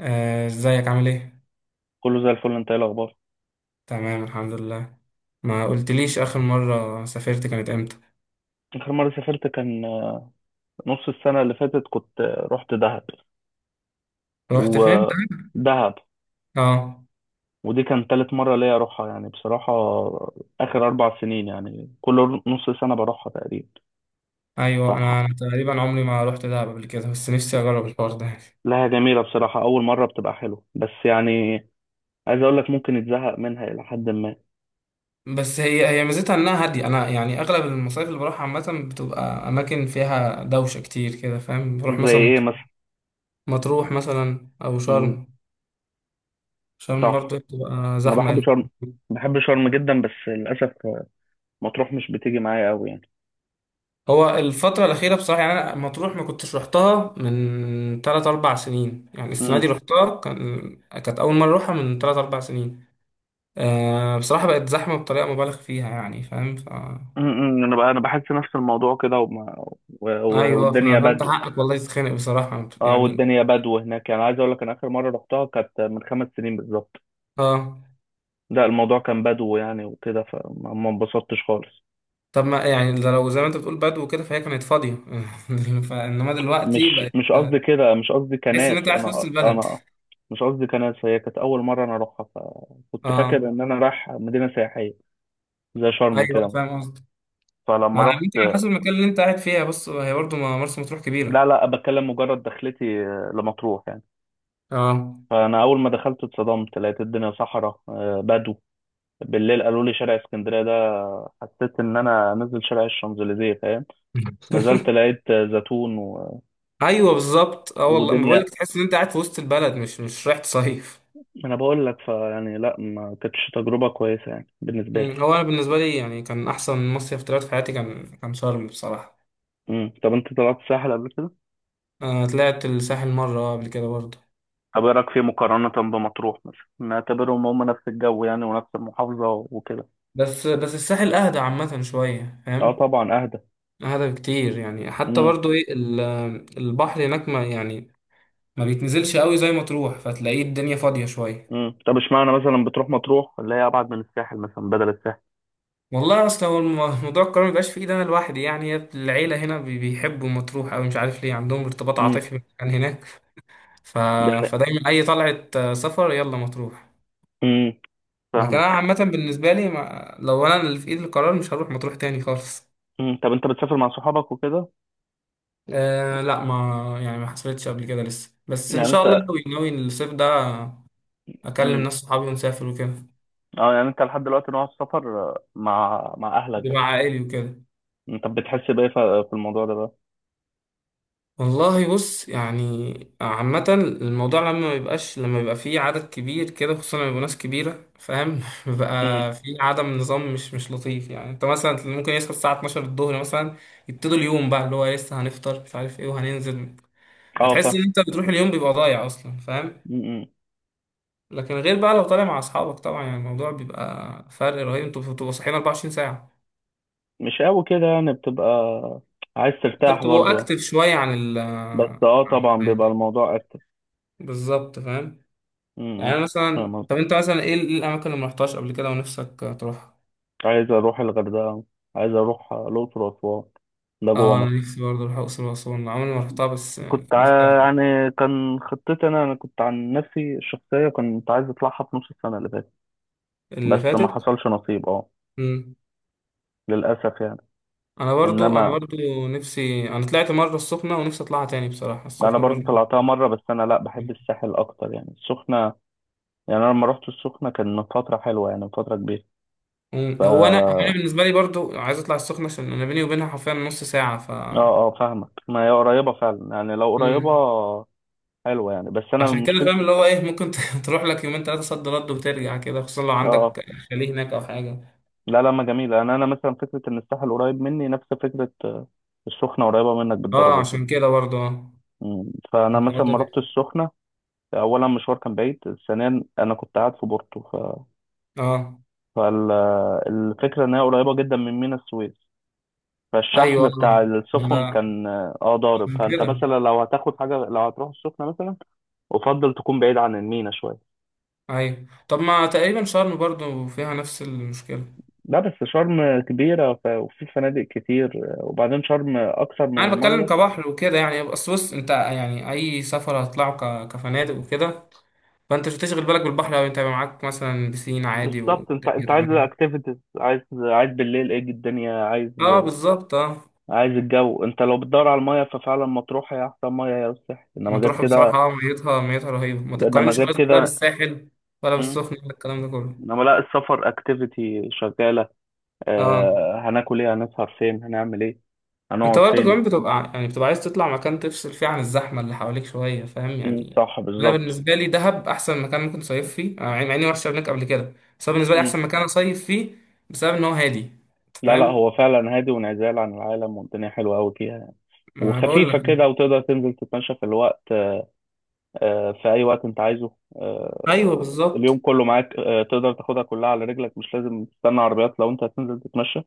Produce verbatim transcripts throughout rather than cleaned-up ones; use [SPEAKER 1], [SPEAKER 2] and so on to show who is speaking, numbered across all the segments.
[SPEAKER 1] آه، ازيك عامل ايه؟
[SPEAKER 2] كله زي الفل. انت ايه الاخبار؟
[SPEAKER 1] تمام الحمد لله. ما قلتليش اخر مرة سافرت كانت امتى؟
[SPEAKER 2] اخر مره سافرت كان نص السنه اللي فاتت، كنت رحت دهب.
[SPEAKER 1] رحت فين؟
[SPEAKER 2] ودهب
[SPEAKER 1] اه.
[SPEAKER 2] ودي كان تالت مره ليا اروحها يعني، بصراحه اخر اربع سنين يعني كل نص سنه بروحها تقريبا.
[SPEAKER 1] ايوه،
[SPEAKER 2] صح،
[SPEAKER 1] انا أنا تقريبا عمري ما رحت دهب قبل كده، بس نفسي اجرب الحوار ده.
[SPEAKER 2] لها جميله بصراحه. اول مره بتبقى حلوه، بس يعني عايز اقول لك ممكن يتزهق منها الى حد ما.
[SPEAKER 1] بس هي هي ميزتها انها هادية. انا يعني اغلب المصايف اللي بروحها عامة بتبقى اماكن فيها دوشة كتير كده، فاهم؟ بروح
[SPEAKER 2] زي
[SPEAKER 1] مثلا
[SPEAKER 2] ايه مثلا؟
[SPEAKER 1] مطروح مثلا او
[SPEAKER 2] مم،
[SPEAKER 1] شرم. شرم
[SPEAKER 2] صح.
[SPEAKER 1] برضه بتبقى
[SPEAKER 2] انا
[SPEAKER 1] زحمة
[SPEAKER 2] بحب
[SPEAKER 1] أوي.
[SPEAKER 2] شرم. بحب شرم جدا، بس للاسف مطروح مش بتيجي معايا قوي
[SPEAKER 1] هو الفترة الأخيرة بصراحة، يعني أنا مطروح ما كنتش روحتها من تلات أربع سنين، يعني السنة دي
[SPEAKER 2] يعني.
[SPEAKER 1] روحتها كان كانت أول مرة أروحها من تلات أربع سنين. أه، بصراحة بقت زحمة بطريقة مبالغ فيها، يعني فاهم. ف
[SPEAKER 2] امم انا بقى انا بحس نفس الموضوع كده، وما- و- و-
[SPEAKER 1] أيوه،
[SPEAKER 2] والدنيا
[SPEAKER 1] ف- فأنت
[SPEAKER 2] بدو.
[SPEAKER 1] حقك والله، تتخانق بصراحة
[SPEAKER 2] اه،
[SPEAKER 1] يعني.
[SPEAKER 2] والدنيا بدو هناك يعني. عايز اقول لك انا اخر مره رحتها كانت من خمس سنين بالظبط.
[SPEAKER 1] أه،
[SPEAKER 2] لا، الموضوع كان بدو يعني وكده، فما ما انبسطتش خالص.
[SPEAKER 1] طب ما يعني ده لو زي ما أنت بتقول بدو كده، فهي كانت فاضية فإنما
[SPEAKER 2] مش
[SPEAKER 1] دلوقتي بقت
[SPEAKER 2] مش قصدي كده، مش قصدي
[SPEAKER 1] تحس إن
[SPEAKER 2] كناس
[SPEAKER 1] أنت قاعد في
[SPEAKER 2] انا
[SPEAKER 1] وسط البلد.
[SPEAKER 2] انا مش قصدي كناس هي كانت اول مره انا اروحها، فكنت فاكر
[SPEAKER 1] أه،
[SPEAKER 2] ان انا رايح مدينه سياحيه زي شرم
[SPEAKER 1] أيوه
[SPEAKER 2] كده.
[SPEAKER 1] فاهم قصدي. ما
[SPEAKER 2] فلما
[SPEAKER 1] على
[SPEAKER 2] رحت،
[SPEAKER 1] يمكن على حسب المكان اللي أنت قاعد فيها. بص، هي برضه مرسى مطروح
[SPEAKER 2] لا
[SPEAKER 1] كبيرة.
[SPEAKER 2] لا، بتكلم مجرد دخلتي لمطروح يعني.
[SPEAKER 1] اه.
[SPEAKER 2] فانا اول ما دخلت اتصدمت، لقيت الدنيا صحراء، آه، بدو. بالليل قالوا لي شارع اسكندريه ده، حسيت ان انا نزل شارع الشانزليزيه، فاهم. نزلت لقيت زيتون و...
[SPEAKER 1] ايوه بالظبط، اه والله ما
[SPEAKER 2] ودنيا.
[SPEAKER 1] بقولك، تحس ان انت قاعد في وسط البلد، مش مش رايح تصيف.
[SPEAKER 2] انا بقول لك فيعني لا، ما كانتش تجربه كويسه يعني بالنسبه
[SPEAKER 1] مم.
[SPEAKER 2] لي.
[SPEAKER 1] هو انا بالنسبه لي يعني كان احسن مصيف طلعت في حياتي كان كان شرم بصراحه.
[SPEAKER 2] امم طب انت طلعت الساحل قبل كده؟
[SPEAKER 1] انا طلعت الساحل مره آه قبل كده برضه.
[SPEAKER 2] طب ايه رايك فيه مقارنه بمطروح مثلا؟ نعتبرهم هم نفس الجو يعني، ونفس المحافظه وكده.
[SPEAKER 1] بس بس الساحل اهدى عامه شويه،
[SPEAKER 2] اه
[SPEAKER 1] فاهم؟
[SPEAKER 2] طبعا، اهدى.
[SPEAKER 1] اهدى بكتير، يعني حتى
[SPEAKER 2] امم.
[SPEAKER 1] برضه ايه ال- البحر هناك ما يعني ما بيتنزلش قوي، زي ما تروح فتلاقيه الدنيا فاضيه شويه.
[SPEAKER 2] امم طب اشمعنى مثلا بتروح مطروح اللي هي ابعد من الساحل، مثلا بدل الساحل؟
[SPEAKER 1] والله اصلا، هو الم- موضوع القرار مبيبقاش في ايدي انا لوحدي. يعني العيله هنا بي- بيحبوا مطروح قوي، مش عارف ليه، عندهم ارتباط
[SPEAKER 2] امم،
[SPEAKER 1] عاطفي عن هناك. ف...
[SPEAKER 2] يعني.
[SPEAKER 1] فدايما اي طلعة، آه، سفر يلا مطروح.
[SPEAKER 2] امم
[SPEAKER 1] لكن انا
[SPEAKER 2] فاهمك.
[SPEAKER 1] عامة بالنسبة لي ما... لو انا اللي في ايدي القرار مش هروح مطروح تاني خالص.
[SPEAKER 2] امم طب انت بتسافر مع صحابك وكده؟
[SPEAKER 1] أه لا، ما يعني ما حصلتش قبل كده لسه، بس
[SPEAKER 2] يعني
[SPEAKER 1] ان شاء الله
[SPEAKER 2] انت.
[SPEAKER 1] ناوي ناوي الصيف ده اكلم
[SPEAKER 2] مم.
[SPEAKER 1] ناس صحابي ونسافر وكده.
[SPEAKER 2] اه، يعني انت لحد دلوقتي نوع السفر، آه، مع مع اهلك
[SPEAKER 1] يبقى
[SPEAKER 2] بس؟
[SPEAKER 1] عائلي وكده.
[SPEAKER 2] انت بتحس بايه ف- في الموضوع ده بقى؟
[SPEAKER 1] والله بص يعني، عامة الموضوع لما ميبقاش لما بيبقى فيه عدد كبير كده، خصوصا لما يبقوا ناس كبيرة، فاهم
[SPEAKER 2] امم.
[SPEAKER 1] بيبقى فيه عدم نظام، مش مش لطيف، يعني انت مثلا ممكن يصحى الساعة اثنا عشر الظهر مثلا، يبتدوا اليوم بقى اللي هو لسه هنفطر مش عارف ايه وهننزل،
[SPEAKER 2] اه
[SPEAKER 1] فتحس ان
[SPEAKER 2] فاهم.
[SPEAKER 1] انت بتروح اليوم بيبقى ضايع اصلا، فاهم.
[SPEAKER 2] امم.
[SPEAKER 1] لكن غير بقى لو طالع مع اصحابك، طبعا يعني الموضوع بيبقى فرق رهيب، انتوا بتبقوا صاحيين اربع وعشرين ساعة،
[SPEAKER 2] مش قوي كده يعني، بتبقى عايز
[SPEAKER 1] انتوا
[SPEAKER 2] ترتاح
[SPEAKER 1] بتبقوا
[SPEAKER 2] برضه يعني.
[SPEAKER 1] اكتف شوية عن ال
[SPEAKER 2] بس
[SPEAKER 1] عن-
[SPEAKER 2] اه، طبعا بيبقى
[SPEAKER 1] الحياة.
[SPEAKER 2] الموضوع اكتر.
[SPEAKER 1] بالظبط فاهم.
[SPEAKER 2] امم.
[SPEAKER 1] يعني مثلا،
[SPEAKER 2] فاهم قصدي.
[SPEAKER 1] طب انت مثلا ايه ايه الاماكن اللي ما رحتهاش قبل كده ونفسك تروحها؟
[SPEAKER 2] عايز اروح الغردقه، عايز اروح الاقصر واسوان، ده جوه
[SPEAKER 1] اه، انا
[SPEAKER 2] مصر.
[SPEAKER 1] نفسي برضه اروح الاقصر واسوان، عمري ما رحتها بس.
[SPEAKER 2] كنت ع-
[SPEAKER 1] نفسي
[SPEAKER 2] يعني كان خطتي، انا انا كنت عن نفسي الشخصيه كنت عايز اطلعها في نص السنه اللي فاتت،
[SPEAKER 1] اللي
[SPEAKER 2] بس ما
[SPEAKER 1] فاتت.
[SPEAKER 2] حصلش نصيب. اه،
[SPEAKER 1] مم.
[SPEAKER 2] للاسف يعني.
[SPEAKER 1] انا برضو انا
[SPEAKER 2] انما
[SPEAKER 1] برضو نفسي، انا طلعت مره السخنه ونفسي اطلعها تاني بصراحه،
[SPEAKER 2] انا
[SPEAKER 1] السخنه
[SPEAKER 2] برضو
[SPEAKER 1] برضو.
[SPEAKER 2] طلعتها مره، بس انا لا بحب الساحل اكتر يعني. السخنه يعني انا لما رحت السخنه كان من فتره حلوه يعني، من فتره كبيره.
[SPEAKER 1] مم.
[SPEAKER 2] ف
[SPEAKER 1] هو انا هو انا
[SPEAKER 2] اه،
[SPEAKER 1] بالنسبه لي برضو عايز اطلع السخنه، عشان انا بيني وبينها حرفيا نص ساعه. ف
[SPEAKER 2] اه فاهمك، ما هي قريبه فعلا يعني، لو قريبه
[SPEAKER 1] مم.
[SPEAKER 2] حلوه يعني. بس انا
[SPEAKER 1] عشان كده فاهم،
[SPEAKER 2] مشكلتي،
[SPEAKER 1] اللي هو ايه ممكن ت- تروح لك يومين ثلاثه صد رد وترجع كده، خصوصا لو
[SPEAKER 2] اه آه.
[SPEAKER 1] عندك شاليه هناك او حاجه.
[SPEAKER 2] لا لا، ما جميله، انا انا مثلا فكره ان الساحل قريب مني نفس فكره آه، السخنه قريبه منك
[SPEAKER 1] اه،
[SPEAKER 2] بالدرجه كده.
[SPEAKER 1] عشان كده برضو اه،
[SPEAKER 2] مم. فانا
[SPEAKER 1] الحوار
[SPEAKER 2] مثلا
[SPEAKER 1] ده
[SPEAKER 2] ما
[SPEAKER 1] بي-
[SPEAKER 2] رحت السخنه، اولا مشوار كان بعيد، ثانيا انا كنت قاعد في بورتو ف...
[SPEAKER 1] اه
[SPEAKER 2] فالفكره ان هي قريبه جدا من ميناء السويس، فالشحم
[SPEAKER 1] ايوه،
[SPEAKER 2] بتاع السفن
[SPEAKER 1] لا
[SPEAKER 2] كان اه ضارب.
[SPEAKER 1] عشان
[SPEAKER 2] فانت
[SPEAKER 1] كده
[SPEAKER 2] مثلا لو هتاخد حاجه، لو هتروح السخنه مثلا، افضل تكون بعيد عن المينا شويه.
[SPEAKER 1] ايوه. طب ما تقريبا شرم برضو فيها نفس المشكله.
[SPEAKER 2] لا، بس شرم كبيره ف... وفي فنادق كتير، وبعدين شرم اكثر من
[SPEAKER 1] انا بتكلم
[SPEAKER 2] الميه.
[SPEAKER 1] كبحر وكده يعني، بس بص، انت يعني اي سفر هتطلعه ك- كفنادق وكده، فانت مش هتشغل بالك بالبحر، او انت يبقى معاك مثلا بسين عادي
[SPEAKER 2] بالظبط، انت
[SPEAKER 1] والدنيا
[SPEAKER 2] انت عايز
[SPEAKER 1] تمام.
[SPEAKER 2] اكتيفيتيز، عايز عايز بالليل ايه الدنيا، عايز
[SPEAKER 1] اه بالظبط اه.
[SPEAKER 2] عايز الجو. انت لو بتدور على الميه، ففعلا مطروح هي احسن ميه، يا الساحل. انما غير
[SPEAKER 1] مطروح
[SPEAKER 2] كده،
[SPEAKER 1] بصراحه، اه ميتها ميتها رهيبه، ما
[SPEAKER 2] انما
[SPEAKER 1] تتقارنش
[SPEAKER 2] غير
[SPEAKER 1] خالص بقى
[SPEAKER 2] كده.
[SPEAKER 1] بالساحل ولا
[SPEAKER 2] مم.
[SPEAKER 1] بالسخنه ولا الكلام ده كله.
[SPEAKER 2] انما لا، السفر اكتيفيتي شغاله،
[SPEAKER 1] اه،
[SPEAKER 2] آه، هناكل ايه، هنسهر فين، هنعمل ايه،
[SPEAKER 1] انت
[SPEAKER 2] هنقعد
[SPEAKER 1] برضه
[SPEAKER 2] فين.
[SPEAKER 1] كمان بتبقى يعني بتبقى عايز تطلع مكان تفصل فيه عن الزحمه اللي حواليك شويه، فاهم
[SPEAKER 2] مم،
[SPEAKER 1] يعني.
[SPEAKER 2] صح
[SPEAKER 1] انا
[SPEAKER 2] بالظبط.
[SPEAKER 1] بالنسبه لي دهب احسن مكان ممكن تصيف فيه، انا مع اني ما رحتش هناك قبل كده، بس هو بالنسبه لي
[SPEAKER 2] مم.
[SPEAKER 1] احسن مكان اصيف فيه، بسبب ان هو هادي، انت
[SPEAKER 2] لا لا،
[SPEAKER 1] فاهم.
[SPEAKER 2] هو فعلا هادي وانعزال عن العالم، والدنيا حلوة قوي فيها يعني.
[SPEAKER 1] ما بقول
[SPEAKER 2] وخفيفة
[SPEAKER 1] لك.
[SPEAKER 2] كده، وتقدر تنزل تتمشى في الوقت، آه، في أي وقت أنت عايزه،
[SPEAKER 1] ايوه
[SPEAKER 2] آه، اليوم
[SPEAKER 1] بالظبط
[SPEAKER 2] كله معاك، آه، تقدر تاخدها كلها على رجلك. مش لازم تستنى عربيات لو أنت هتنزل تتمشى،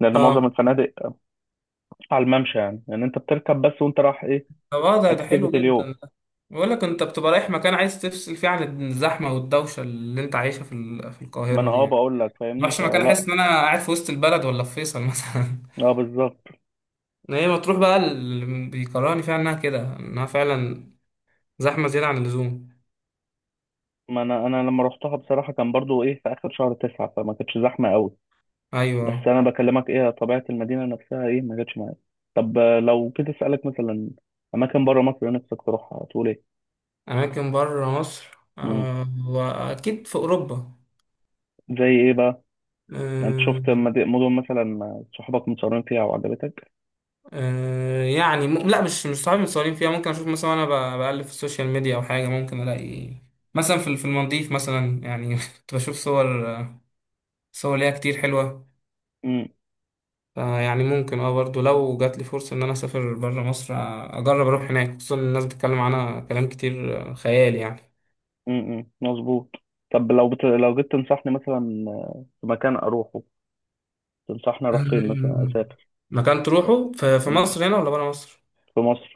[SPEAKER 2] لأن معظم
[SPEAKER 1] اه.
[SPEAKER 2] الفنادق على الممشى يعني، لأن أنت بتركب بس. وأنت رايح إيه؟
[SPEAKER 1] طب اه، ده ده حلو
[SPEAKER 2] أكتيفيتي اليوم.
[SPEAKER 1] جدا ده. بقول لك، انت بتبقى رايح مكان عايز تفصل فيه عن الزحمه والدوشه اللي انت عايشها في ال- في
[SPEAKER 2] ما
[SPEAKER 1] القاهره
[SPEAKER 2] أنا
[SPEAKER 1] دي
[SPEAKER 2] أه
[SPEAKER 1] يعني،
[SPEAKER 2] بقول لك،
[SPEAKER 1] ما
[SPEAKER 2] فاهمني
[SPEAKER 1] رحتش مكان احس
[SPEAKER 2] فلا.
[SPEAKER 1] ان انا قاعد في وسط البلد ولا في فيصل مثلا.
[SPEAKER 2] أه بالظبط.
[SPEAKER 1] ما هي مطروح بقى اللي بيكرهني فيها انها كده، انها فعلا زحمه زياده عن اللزوم.
[SPEAKER 2] ما انا انا لما روحتها بصراحه كان برضو ايه في اخر شهر تسعة، فما كانتش زحمه قوي. بس
[SPEAKER 1] ايوه،
[SPEAKER 2] انا بكلمك ايه طبيعه المدينه نفسها ايه، ما جاتش معايا. طب آه، لو كنت اسالك مثلا اماكن بره مصر نفسك تروحها، تقول ايه؟
[SPEAKER 1] اماكن بره مصر،
[SPEAKER 2] امم.
[SPEAKER 1] آه، واكيد في اوروبا.
[SPEAKER 2] زي ايه بقى؟ يعني انت
[SPEAKER 1] آه،
[SPEAKER 2] شفت مد- مدن مثلا صحابك متصورين فيها وعجبتك؟
[SPEAKER 1] آه، يعني م... لا، مش مش صحابي متصورين فيها، ممكن اشوف مثلا انا بقلب في السوشيال ميديا او حاجه، ممكن الاقي مثلا في في المالديف مثلا، يعني كنت بشوف صور صور ليها كتير حلوه،
[SPEAKER 2] امم.
[SPEAKER 1] فيعني ممكن اه برضو، لو جات لي فرصه ان انا اسافر بره مصر، آه، اجرب اروح هناك، خصوصا إن الناس بتتكلم عنها كلام كتير آه، خيال يعني.
[SPEAKER 2] امم، مظبوط. طب لو بت... لو جيت تنصحني مثلا في مكان اروحه، تنصحني اروح فين مثلا
[SPEAKER 1] أمم.
[SPEAKER 2] اسافر؟
[SPEAKER 1] مكان تروحه في في
[SPEAKER 2] مم،
[SPEAKER 1] مصر هنا ولا برا مصر؟
[SPEAKER 2] في مصر.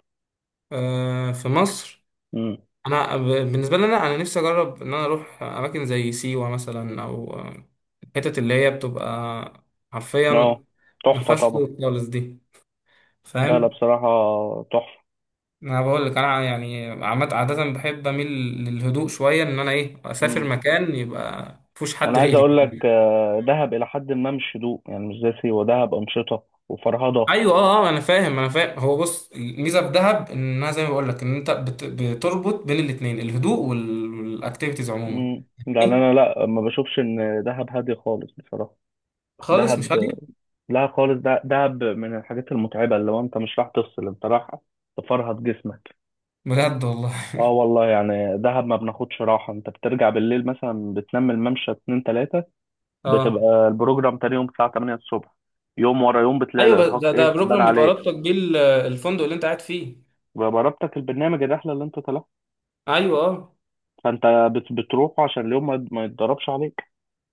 [SPEAKER 1] آه في مصر.
[SPEAKER 2] امم.
[SPEAKER 1] انا ب- بالنسبه لي انا انا نفسي اجرب ان انا اروح اماكن زي سيوه مثلا، او آه، الحتت اللي هي بتبقى
[SPEAKER 2] اه،
[SPEAKER 1] حرفيا ما
[SPEAKER 2] تحفه
[SPEAKER 1] فيهاش
[SPEAKER 2] طبعا.
[SPEAKER 1] طرق خالص دي،
[SPEAKER 2] لا لا،
[SPEAKER 1] فاهم.
[SPEAKER 2] بصراحه تحفه.
[SPEAKER 1] انا بقول لك، انا يعني عمد عاده بحب اميل للهدوء شويه، ان انا ايه اسافر
[SPEAKER 2] مم.
[SPEAKER 1] مكان يبقى مفيهوش
[SPEAKER 2] انا
[SPEAKER 1] حد
[SPEAKER 2] عايز
[SPEAKER 1] غيري.
[SPEAKER 2] اقول لك، آه، دهب الى حد ما مش هدوء يعني، مش زي سيوه. دهب انشطه وفرهضه.
[SPEAKER 1] ايوه اه آه، انا فاهم انا فاهم، هو بص الميزه في دهب انها زي ما بقول لك، ان انت بت... بتربط بين الاثنين الهدوء وال- والاكتيفيتيز عموما.
[SPEAKER 2] امم، يعني
[SPEAKER 1] إيه؟
[SPEAKER 2] انا لا، ما بشوفش ان دهب هادي خالص بصراحه.
[SPEAKER 1] خالص مش عارف.
[SPEAKER 2] دهب لا خالص، ده دهب من الحاجات المتعبه، اللي هو انت مش راح تفصل، انت راح تفرهد جسمك.
[SPEAKER 1] بجد والله.
[SPEAKER 2] اه والله يعني، دهب ما بناخدش راحه. انت بترجع بالليل مثلا بتنام، الممشى اتنين تلاته،
[SPEAKER 1] اه،
[SPEAKER 2] بتبقى البروجرام تاني يوم الساعه تمانيه الصبح. يوم ورا يوم بتلاقي
[SPEAKER 1] ايوه ب-
[SPEAKER 2] الارهاق
[SPEAKER 1] ده ده
[SPEAKER 2] ايه بان
[SPEAKER 1] بروجرام بيبقى
[SPEAKER 2] عليك.
[SPEAKER 1] رابطك بيه ال- الفندق اللي انت قاعد فيه.
[SPEAKER 2] جربتك البرنامج الرحله اللي انت،
[SPEAKER 1] ايوه اه،
[SPEAKER 2] فانت بت- بتروح عشان اليوم ما ما يتضربش عليك.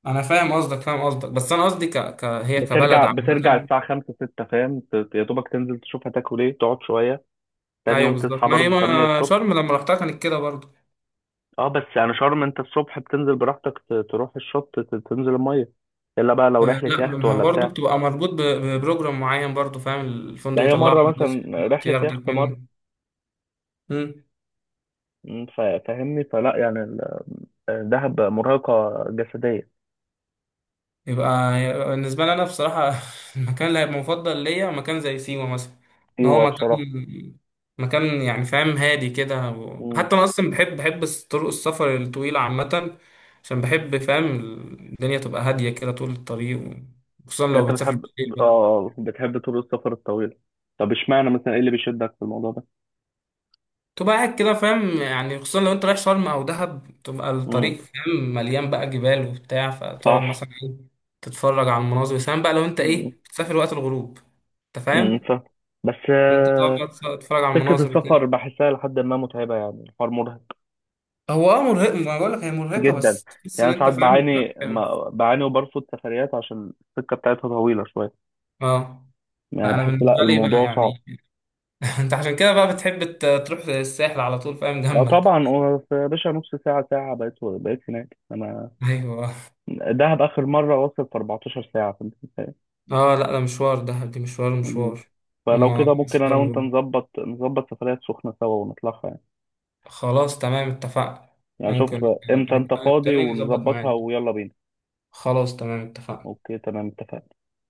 [SPEAKER 1] انا فاهم قصدك فاهم قصدك، بس انا قصدي ك... ك... هي كبلد
[SPEAKER 2] بترجع بترجع
[SPEAKER 1] عامه.
[SPEAKER 2] الساعة خمسة ستة فاهم، ت- يا دوبك تنزل تشوف هتاكل ايه، تقعد شوية، تاني
[SPEAKER 1] ايوه
[SPEAKER 2] يوم
[SPEAKER 1] بالظبط،
[SPEAKER 2] تصحى
[SPEAKER 1] ما هي
[SPEAKER 2] برضو تمانية
[SPEAKER 1] ما
[SPEAKER 2] الصبح
[SPEAKER 1] شرم لما رحتها كانت كده برضو.
[SPEAKER 2] اه، بس يعني شرم انت الصبح بتنزل براحتك، ت- تروح الشط، ت- تنزل المية، الا بقى لو
[SPEAKER 1] آه،
[SPEAKER 2] رحلة
[SPEAKER 1] لا،
[SPEAKER 2] يخت
[SPEAKER 1] ما هو
[SPEAKER 2] ولا
[SPEAKER 1] برضه
[SPEAKER 2] بتاع.
[SPEAKER 1] بتبقى مربوط ب- ببروجرام معين برضه، فاهم
[SPEAKER 2] ده
[SPEAKER 1] الفندق
[SPEAKER 2] هي
[SPEAKER 1] يطلعك
[SPEAKER 2] مرة
[SPEAKER 1] من ده،
[SPEAKER 2] مثلا
[SPEAKER 1] الوقت
[SPEAKER 2] رحلة
[SPEAKER 1] ياخدك
[SPEAKER 2] يخت مرة.
[SPEAKER 1] منه.
[SPEAKER 2] م، فا- فاهمني فلا يعني، ال- دهب مرهقة جسديا.
[SPEAKER 1] يبقى يبقى بالنسبة لي، أنا بصراحة المكان اللي هيبقى مفضل ليا مكان زي سيوة مثلا، إن هو
[SPEAKER 2] ايوه
[SPEAKER 1] مكان
[SPEAKER 2] بصراحة.
[SPEAKER 1] مكان يعني فاهم، هادي كده و...
[SPEAKER 2] م.
[SPEAKER 1] حتى أنا أصلا بحب بحب الس- طرق السفر الطويلة عامة، عشان بحب فاهم الدنيا تبقى هادية كده طول الطريق و... خصوصا لو
[SPEAKER 2] انت
[SPEAKER 1] بتسافر
[SPEAKER 2] بتحب؟
[SPEAKER 1] بالليل بقى
[SPEAKER 2] اه، بتحب طول السفر الطويل؟ طب اشمعنى مثلا، ايه اللي بيشدك في الموضوع
[SPEAKER 1] تبقى قاعد كده، فاهم يعني. خصوصا لو أنت رايح شرم أو دهب، تبقى
[SPEAKER 2] ده؟
[SPEAKER 1] الطريق فاهم مليان بقى جبال وبتاع،
[SPEAKER 2] صح.
[SPEAKER 1] فتقعد مثلا إيه، تتفرج على المناظر، سواء بقى لو أنت إيه
[SPEAKER 2] مم.
[SPEAKER 1] بتسافر وقت الغروب. أنت
[SPEAKER 2] مم،
[SPEAKER 1] فاهم؟
[SPEAKER 2] صح. بس
[SPEAKER 1] انت
[SPEAKER 2] آه،
[SPEAKER 1] تقعد تتفرج على
[SPEAKER 2] فكرة
[SPEAKER 1] المناظر وكده.
[SPEAKER 2] السفر بحسها لحد ما متعبة يعني، الحوار مرهق
[SPEAKER 1] هو اه مرهق، ما بقول لك هي مرهقه،
[SPEAKER 2] جدا
[SPEAKER 1] بس تحس
[SPEAKER 2] يعني.
[SPEAKER 1] ان
[SPEAKER 2] أنا
[SPEAKER 1] انت
[SPEAKER 2] ساعات
[SPEAKER 1] فاهم بيبقى
[SPEAKER 2] بعاني،
[SPEAKER 1] حلو.
[SPEAKER 2] ما بعاني وبرفض سفريات عشان السكة بتاعتها طويلة شوية
[SPEAKER 1] اه.
[SPEAKER 2] يعني،
[SPEAKER 1] لا، انا
[SPEAKER 2] بحس لا
[SPEAKER 1] بالنسبه لي بقى
[SPEAKER 2] الموضوع صعب.
[SPEAKER 1] يعني انت عشان كده بقى بتحب ت- تروح الساحل على طول، فاهم
[SPEAKER 2] اه
[SPEAKER 1] جنبك.
[SPEAKER 2] طبعا، هو في- يا باشا نص ساعة ساعة بقيت بقيت هناك انا.
[SPEAKER 1] ايوه
[SPEAKER 2] دهب اخر مرة وصل في اربعتاشر ساعة، فانت متخيل؟
[SPEAKER 1] اه. لا ده مشوار، ده دي مشوار
[SPEAKER 2] مم.
[SPEAKER 1] مشوار
[SPEAKER 2] فلو
[SPEAKER 1] وما
[SPEAKER 2] كده ممكن انا وانت
[SPEAKER 1] مشوار.
[SPEAKER 2] نظبط نظبط سفريات سخنة سوا ونطلعها يعني.
[SPEAKER 1] خلاص تمام اتفقنا.
[SPEAKER 2] يعني
[SPEAKER 1] ممكن
[SPEAKER 2] شوف آه، امتى انت
[SPEAKER 1] نتكلم
[SPEAKER 2] فاضي
[SPEAKER 1] تاني نظبط
[SPEAKER 2] ونظبطها
[SPEAKER 1] معاك.
[SPEAKER 2] ويلا بينا.
[SPEAKER 1] خلاص تمام اتفقنا.
[SPEAKER 2] اوكي تمام اتفقنا.